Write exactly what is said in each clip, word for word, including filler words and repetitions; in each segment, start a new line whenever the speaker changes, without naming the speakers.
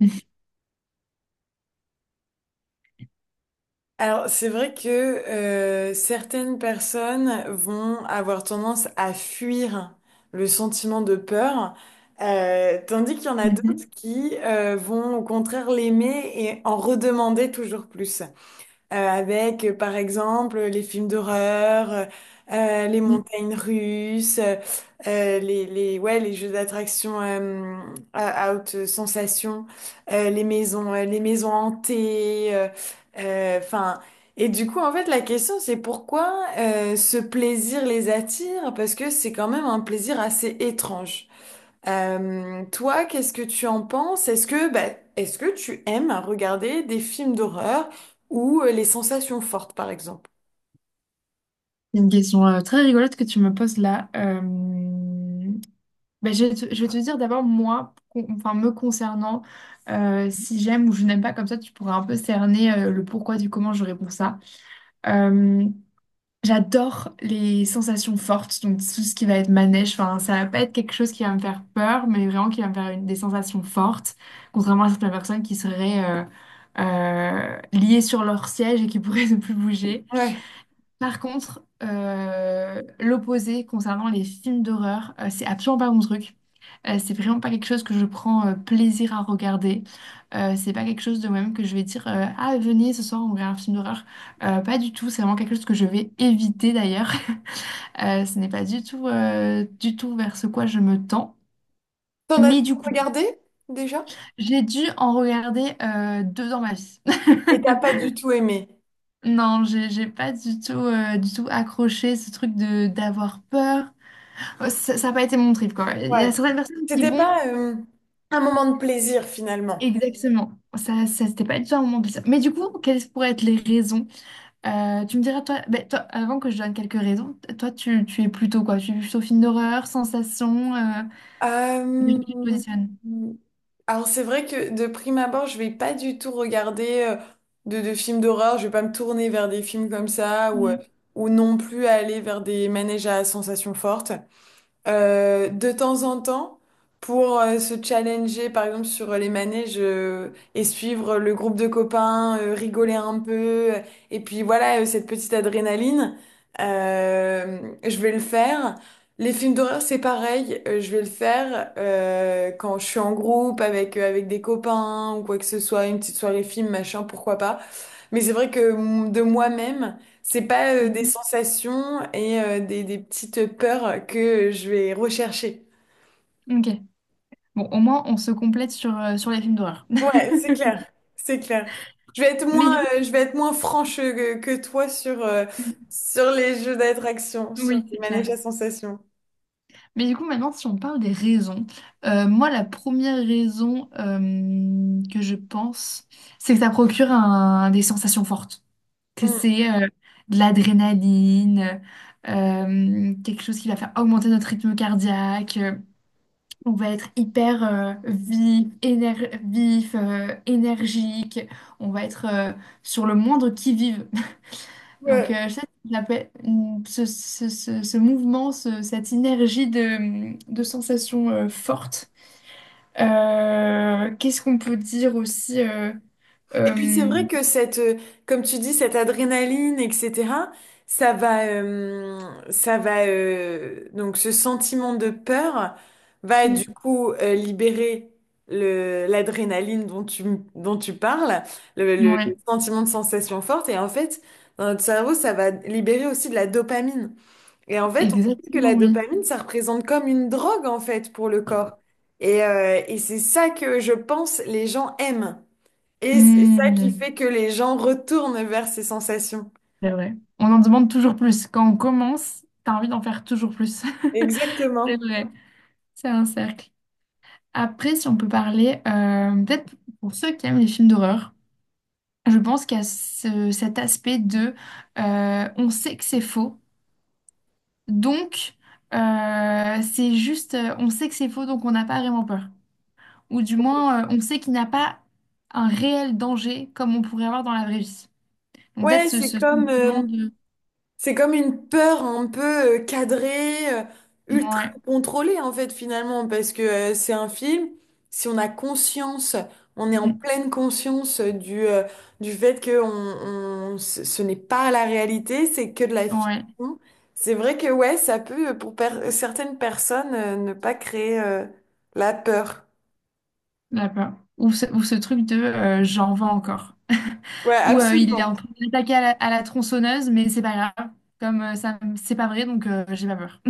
Mhm.
Alors, c'est vrai que euh, certaines personnes vont avoir tendance à fuir le sentiment de peur, euh, tandis qu'il y en a d'autres
Mm.
qui euh, vont au contraire l'aimer et en redemander toujours plus euh, avec, euh, par exemple, les films d'horreur, euh, euh, les montagnes russes, euh, euh, les, les, ouais, les jeux d'attraction euh, à, à haute sensation, euh, les maisons, euh, les maisons hantées, euh, euh, 'fin, et du coup, en fait, la question, c'est pourquoi euh, ce plaisir les attire? Parce que c'est quand même un plaisir assez étrange. Euh, toi, qu'est-ce que tu en penses? Est-ce que, bah, est-ce que tu aimes regarder des films d'horreur ou euh, les sensations fortes, par exemple?
C'est Une question euh, très rigolote que tu me poses là. Euh, ben, je vais te, je vais te dire d'abord, moi, con- enfin, me concernant, euh, si j'aime ou je n'aime pas, comme ça, tu pourras un peu cerner euh, le pourquoi du comment je réponds ça. Euh, J'adore les sensations fortes, donc tout ce qui va être manège, enfin, ça va pas être quelque chose qui va me faire peur, mais vraiment qui va me faire une- des sensations fortes, contrairement à certaines personnes qui seraient euh, euh, liées sur leur siège et qui pourraient ne plus bouger.
Ouais.
Par contre, euh, l'opposé concernant les films d'horreur, euh, c'est absolument pas mon truc. Euh, c'est vraiment pas quelque chose que je prends euh, plaisir à regarder. Euh, c'est pas quelque chose de moi-même que je vais dire euh, Ah, venez ce soir, on regarde un film d'horreur. Euh, pas du tout, c'est vraiment quelque chose que je vais éviter d'ailleurs. Euh, ce n'est pas du tout, euh, du tout vers ce quoi je me tends.
T'en as déjà
Mais du coup,
regardé déjà?
j'ai dû en regarder euh, deux dans ma vie.
Et t'as pas du tout aimé.
Non, j'ai j'ai pas du tout, euh, du tout accroché ce truc de d'avoir peur. Ouais, ça n'a pas été mon trip, quoi. Il y
Ouais.
a certaines personnes qui
C'était
vont
pas euh, un moment de plaisir finalement.
exactement. Ça, ça c'était pas du tout un moment plaisir. Mais du coup, quelles pourraient être les raisons? Euh, tu me diras, toi, ben, toi, avant que je donne quelques raisons, toi, tu, tu es plutôt quoi? Tu es plutôt film d'horreur, sensation, euh, bien que
Euh,
tu te positionnes.
alors c'est vrai que de prime abord, je vais pas du tout regarder euh, de, de films d'horreur. Je vais pas me tourner vers des films comme ça ou, euh,
Mm.
ou non plus aller vers des manèges à sensations fortes. Euh, de temps en temps pour euh, se challenger, par exemple, sur les manèges euh, et suivre le groupe de copains, euh, rigoler un peu. euh, Et puis voilà, euh, cette petite adrénaline, euh, je vais le faire. Les films d'horreur, c'est pareil, euh, je vais le faire euh, quand je suis en groupe avec, euh, avec des copains ou quoi que ce soit, une petite soirée film, machin, pourquoi pas. Mais c'est vrai que mm, de moi-même, c'est pas euh, des
Mhm.
sensations et euh, des, des petites peurs que je vais rechercher.
Ok. Bon, au moins, on se complète sur, euh, sur les films d'horreur.
Ouais, c'est clair, c'est clair. Je vais être
Mais
moins,
du coup,
euh, je vais être moins franche que, que toi sur, euh, sur les jeux d'attraction, sur
oui,
les
c'est clair.
manèges à sensations.
Mais du coup, maintenant, si on parle des raisons, euh, moi, la première raison euh, que je pense, c'est que ça procure un- des sensations fortes, que
Mm.
c'est euh, de l'adrénaline, euh, quelque chose qui va faire augmenter notre rythme cardiaque, euh, on va être hyper euh, vif, éner- vif, euh, énergique, on va être euh, sur le moindre qui-vive. Donc,
Ouais.
euh, je sais qu'il l'appelle- mm, ce, ce, ce, ce mouvement, ce- cette énergie de, de sensations euh, fortes. Euh, qu'est-ce qu'on peut dire aussi euh,
Et
euh,
puis c'est vrai
mm,
que cette, euh, comme tu dis, cette adrénaline, et cetera, ça va, euh, ça va, euh, donc ce sentiment de peur va du coup euh, libérer le, l'adrénaline dont tu, dont tu parles, le, le-
Oui,
le sentiment de sensation forte. Et en fait, dans notre cerveau, ça va libérer aussi de la dopamine. Et en fait, on sait que
exactement,
la
oui.
dopamine, ça représente comme une drogue en fait pour le corps. Et, euh, et c'est ça que je pense les gens aiment. Et c'est ça qui
Mm,
fait que les gens retournent vers ces sensations.
c'est vrai. On en demande toujours plus. Quand on commence, t'as envie d'en faire toujours plus. C'est
Exactement.
vrai, c'est un cercle. Après, si on peut parler, euh, peut-être pour ceux qui aiment les films d'horreur. Je pense qu'il y a ce- cet aspect de euh, on sait que c'est faux, donc euh, c'est juste euh, on sait que c'est faux, donc on n'a pas vraiment peur. Ou du moins, euh, on sait qu'il n'y a pas un réel danger comme on pourrait avoir dans la vraie vie. Donc peut-être
Ouais,
ce,
c'est
ce
comme,
sentiment
euh,
de
c'est comme une peur un peu euh, cadrée, euh, ultra
ouais,
contrôlée en fait finalement, parce que euh, c'est un film, si on a conscience, on est en
mm,
pleine conscience euh, du, euh, du fait que on, on- ce ce n'est pas la réalité, c'est que de la
mm, ouais,
fiction. C'est vrai que ouais, ça peut euh, pour per- certaines personnes euh, ne pas créer euh, la peur.
la peur. Ou ce, ou ce truc de euh, j'en veux encore.
Ouais,
Ou euh, il est en
absolument.
train d'attaquer à la, à la tronçonneuse, mais c'est pas grave. Comme euh, ça, c'est pas vrai, donc euh, j'ai pas peur.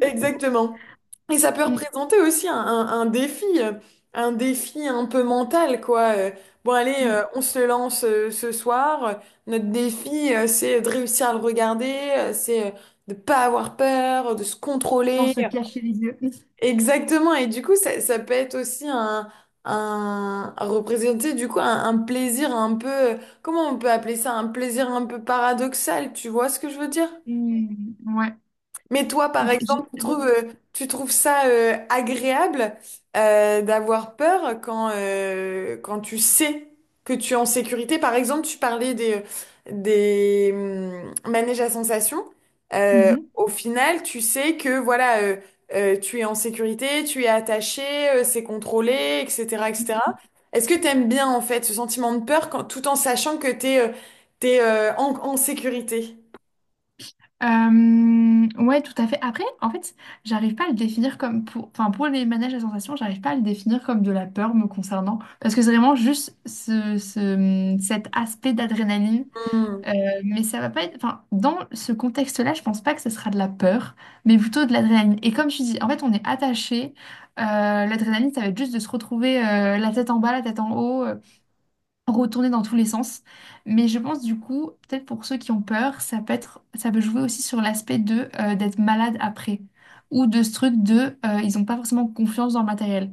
Exactement. Et ça peut représenter aussi un, un- un défi, euh, un défi un peu mental, quoi. Euh, Bon, allez, euh,
Mm.
on se lance euh, ce soir. Notre défi, euh, c'est de réussir à le regarder, euh, c'est euh, de pas avoir peur, de se
Sans
contrôler.
se cacher les yeux.
Exactement. Et du coup, ça, ça peut être aussi un, un à représenter du coup un, un plaisir un peu, euh, comment on peut appeler ça, un plaisir un peu paradoxal. Tu vois ce que je veux dire?
Et- Ouais,
Mais toi, par
ok. j'ai-
exemple, tu
j'ai-
trouves, euh, tu trouves ça euh, agréable euh, d'avoir peur quand, euh, quand tu sais que tu es en sécurité. Par exemple, tu parlais des, des hum, manèges à sensations. Euh,
Mhm.
au final, tu sais que voilà, euh, euh, tu es en sécurité, tu es attaché, euh, c'est contrôlé, et cetera, et cetera. Est-ce que tu aimes bien en fait ce sentiment de peur quand, tout en sachant que tu es, t'es, euh, t'es, euh, en, en sécurité?
Euh, ouais, tout à fait. Après, en fait, j'arrive pas à le définir comme pour, enfin, pour les manèges à sensations, j'arrive pas à le définir comme de la peur me concernant, parce que c'est vraiment juste ce, ce- cet aspect d'adrénaline.
Hmm.
Euh, mais ça va pas être, enfin, dans ce contexte-là, je pense pas que ce sera de la peur, mais plutôt de l'adrénaline. Et comme tu dis, en fait, on est attaché. Euh, L'adrénaline, ça va être juste de se retrouver euh, la tête en bas, la tête en haut. Euh, retourner dans tous les sens. Mais je pense du coup, peut-être pour ceux qui ont peur, ça peut être, ça peut jouer aussi sur l'aspect de euh, d'être malade après ou de ce truc de euh, ils n'ont pas forcément confiance dans le matériel.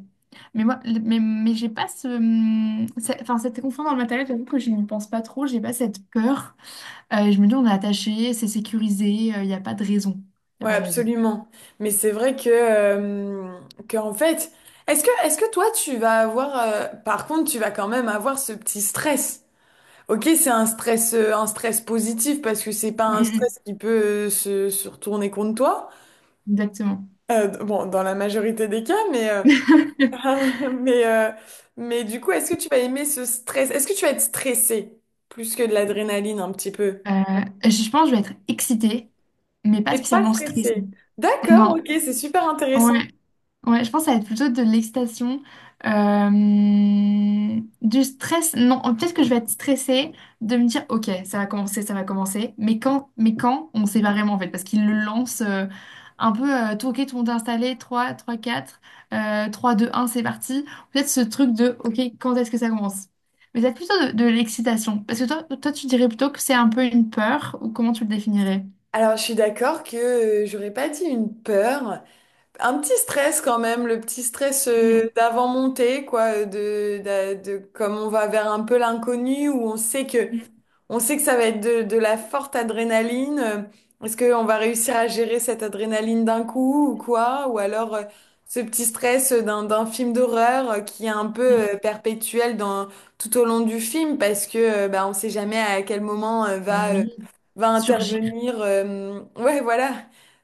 Mais moi, le- mais, mais j'ai pas ce, hum, c'est- enfin cette confiance dans le matériel, j'avoue que je n'y pense pas trop, j'ai pas cette peur. Euh, je me dis on est attaché, c'est sécurisé, il n'y a pas de raison, il n'y
Ouais,
a pas de raison.
absolument. Mais c'est vrai que, euh, que en fait, est-ce que, est-ce que toi, tu vas avoir, euh, par contre, tu vas quand même avoir ce petit stress. Ok, c'est un stress, euh, un stress positif parce que c'est pas un
Mm, mm,
stress qui peut euh, se, se retourner contre toi.
exactement.
Euh, bon, dans la majorité des cas, mais, euh, mais, euh, mais du coup, est-ce que tu vas aimer ce stress? Est-ce que tu vas être stressé plus que de l'adrénaline un petit peu?
Euh, je pense que je vais être excitée, mais pas
Et pas
spécialement stressée.
stressé. D'accord,
Non.
ok, c'est super
Ouais.
intéressant.
Ouais, je pense que ça va être plutôt de l'excitation, euh, du stress. Non, peut-être que je vais être stressée de me dire, ok, ça va commencer, ça va commencer. Mais quand, mais quand, on sait pas vraiment en fait, parce qu'il le lance euh, un peu, euh, tout, ok, tout le monde est installé, trois, trois, quatre, euh, trois, deux, un, c'est parti. Peut-être ce truc de, ok, quand est-ce que ça commence? Mais ça va être plutôt de, de l'excitation. Parce que toi, toi, tu dirais plutôt que c'est un peu une peur, ou comment tu le définirais?
Alors, je suis d'accord que euh, j'aurais pas dit une peur, un petit stress quand même, le petit stress euh,
Mm,
d'avant montée, quoi, euh, de, d'a- de, comme on va vers un peu l'inconnu où on sait que
mm,
on sait que ça va être de, de la forte adrénaline. Euh, Est-ce qu'on va réussir à gérer cette adrénaline d'un coup ou quoi? Ou alors euh, ce petit stress d'un, d'un film d'horreur euh, qui est un peu euh, perpétuel dans, tout au long du film parce que euh, bah, on sait jamais à quel moment euh,
mm.
va, euh,
Oui.
va
Surgir.
intervenir. Euh, ouais, voilà.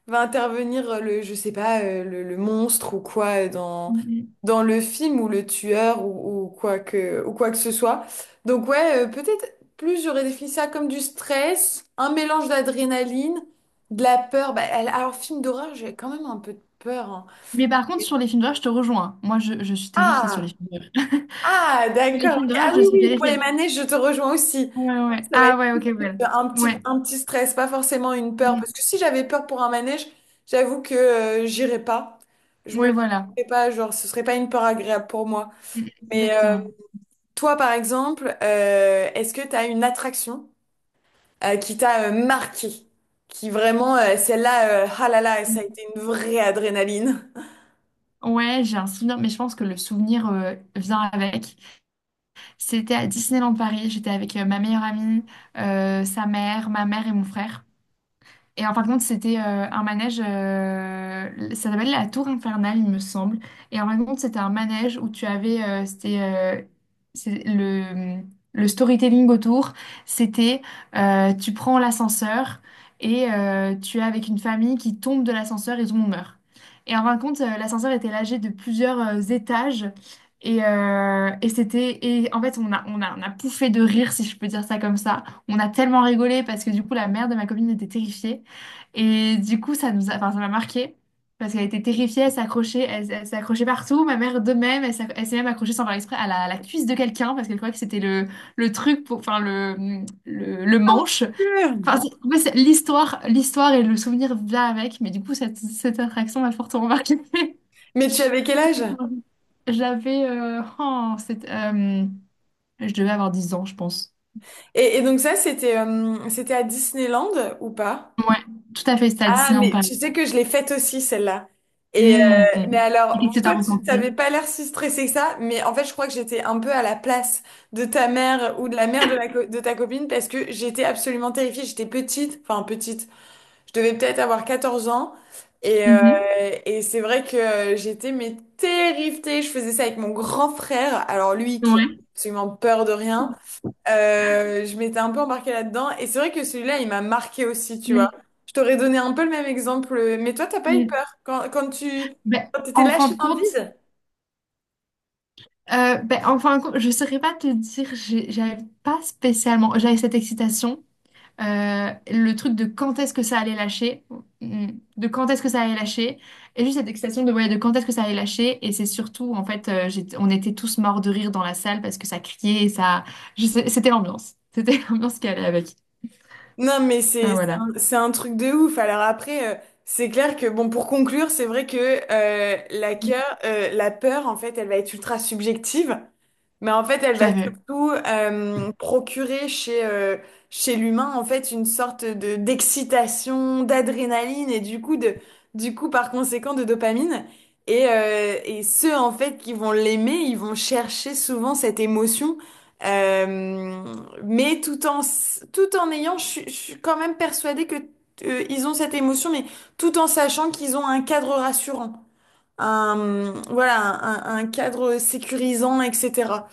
Va intervenir euh, le, je sais pas, euh, le, le monstre ou quoi euh, dans, dans le film ou le tueur ou, ou quoi que, ou quoi que ce soit. Donc ouais, euh, peut-être. Plus j'aurais défini ça comme du stress, un mélange d'adrénaline, de la peur. Bah, elle- alors, film d'horreur, j'ai quand même un peu de peur. Hein.
Mais par contre, sur les films d'horreur, je te rejoins. Moi, je, je suis terrifiée sur
Ah,
les films d'horreur.
ah,
Sur les
d'accord.
films
Ok.
d'horreur,
Ah
je
oui,
suis
oui, pour les
terrifiée.
manèges, je te rejoins aussi.
Ouais, ouais.
Ça va
Ah
être
ouais, ok, ouais.
un petit,
Ouais.
un petit stress, pas forcément une peur. Parce
Mm.
que si j'avais peur pour un manège, j'avoue que euh, j'irais pas. Je me
Ouais, voilà.
laisserais pas, genre, ce serait pas une peur agréable pour moi.
Mm,
Mais euh,
exactement.
toi, par exemple, euh, est-ce que tu as une attraction? Euh, qui t'a euh, marqué, qui vraiment, euh, celle-là, euh, ah là là, ça a
Mm.
été une vraie adrénaline.
Ouais, j'ai un souvenir, mais je pense que le souvenir euh, vient avec. C'était à Disneyland Paris. J'étais avec euh, ma meilleure amie, euh, sa mère, ma mère et mon frère. Et en fin de compte, c'était euh, un manège, euh, ça s'appelle la Tour Infernale, il me semble. Et en fin de compte, c'était un manège où tu avais, euh, c'était euh, c'est le, le storytelling autour, c'était euh, tu prends l'ascenseur et euh, tu es avec une famille qui tombe de l'ascenseur et tout le monde meurt. Et en fin de compte, euh, l'ascenseur était lâché de plusieurs euh, étages. Et, euh, et c'était et en fait on a, on a on a pouffé de rire si je peux dire ça comme ça. On a tellement rigolé parce que du coup la mère de ma copine était terrifiée. Et du coup, ça nous a, enfin, ça m'a marqué parce qu'elle était terrifiée, elle s'accrochait, elle, elle s'accrochait partout. Ma mère de même, elle, s'ac- elle s'est même accrochée sans faire exprès à la, à la cuisse de quelqu'un parce qu'elle croyait que c'était le, le truc pour, enfin, le, le, le manche. Enfin,
Sûr.
c'est- en fait, c'est l'histoire, l'histoire et le souvenir là avec, mais du coup, cette, cette attraction m'a fortement marquée.
Mais tu avais quel âge?
J'avais, euh, oh, c'est- euh, je devais avoir dix ans, je pense.
Et, et donc ça, c'était euh, c'était à Disneyland ou pas?
Ouais, tout à fait, c'était à
Ah,
Disneyland
mais
Paris.
tu sais que je l'ai faite aussi, celle-là. Et euh,
Hmm.
mais
Et
alors,
qu'est-ce
bon,
que t'as
toi, tu t'avais
ressenti?
pas l'air si stressé que ça, mais en fait, je crois que j'étais un peu à la place de ta mère ou de la mère de, la co- de ta copine parce que j'étais absolument terrifiée. J'étais petite, enfin petite. Je devais peut-être avoir quatorze ans. Et, euh, et c'est vrai que j'étais mais terrifiée. Je faisais ça avec mon grand frère. Alors lui
Mhm.
qui a
Ouais.
absolument peur de rien. Euh, je m'étais un peu embarquée là-dedans. Et c'est vrai que celui-là, il m'a marqué aussi, tu vois.
Mmh.
Je t'aurais donné un peu le même exemple. Mais toi, t'as pas eu
Mm.
peur quand, quand tu
Ben,
quand t'étais
en fin
lâchée
de
dans le
compte,
vide?
euh, ben, en fin de compte, je ne saurais pas te dire, j'ai- j'avais pas spécialement, j'avais cette excitation, euh, le truc de quand est-ce que ça allait lâcher, mm, de quand est-ce que ça allait lâcher, et juste cette excitation de, ouais, de quand est-ce que ça allait lâcher, et c'est surtout, en fait, euh, j'étais- on était tous morts de rire dans la salle parce que ça criait, et ça, je sais- c'était l'ambiance, c'était l'ambiance qui allait avec.
Non, mais
Ah,
c'est c'est
voilà,
un, c'est un truc de ouf. Alors après, euh, c'est clair que, bon, pour conclure, c'est vrai que euh, la cœur, euh, la peur, en fait, elle va être ultra subjective, mais en fait, elle
je
va
savais.
surtout euh, procurer chez, euh, chez l'humain, en fait, une sorte de d'excitation, d'adrénaline et du coup, de, du coup, par conséquent, de dopamine. Et, euh, et ceux, en fait, qui vont l'aimer, ils vont chercher souvent cette émotion. euh, mais tout en, s- tout en ayant, je, suis je suis quand même persuadée que euh, ils ont cette émotion, mais tout en sachant qu'ils ont un cadre rassurant, un, voilà, un, un- un cadre sécurisant, et cetera.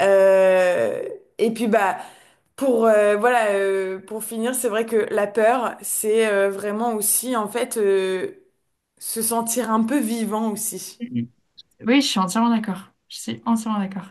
Euh, et puis bah pour euh, voilà, euh, pour finir, c'est vrai que la peur, c'est euh, vraiment aussi en fait euh, se sentir un peu vivant aussi.
Mm. Oui, je suis entièrement d'accord, je suis entièrement d'accord.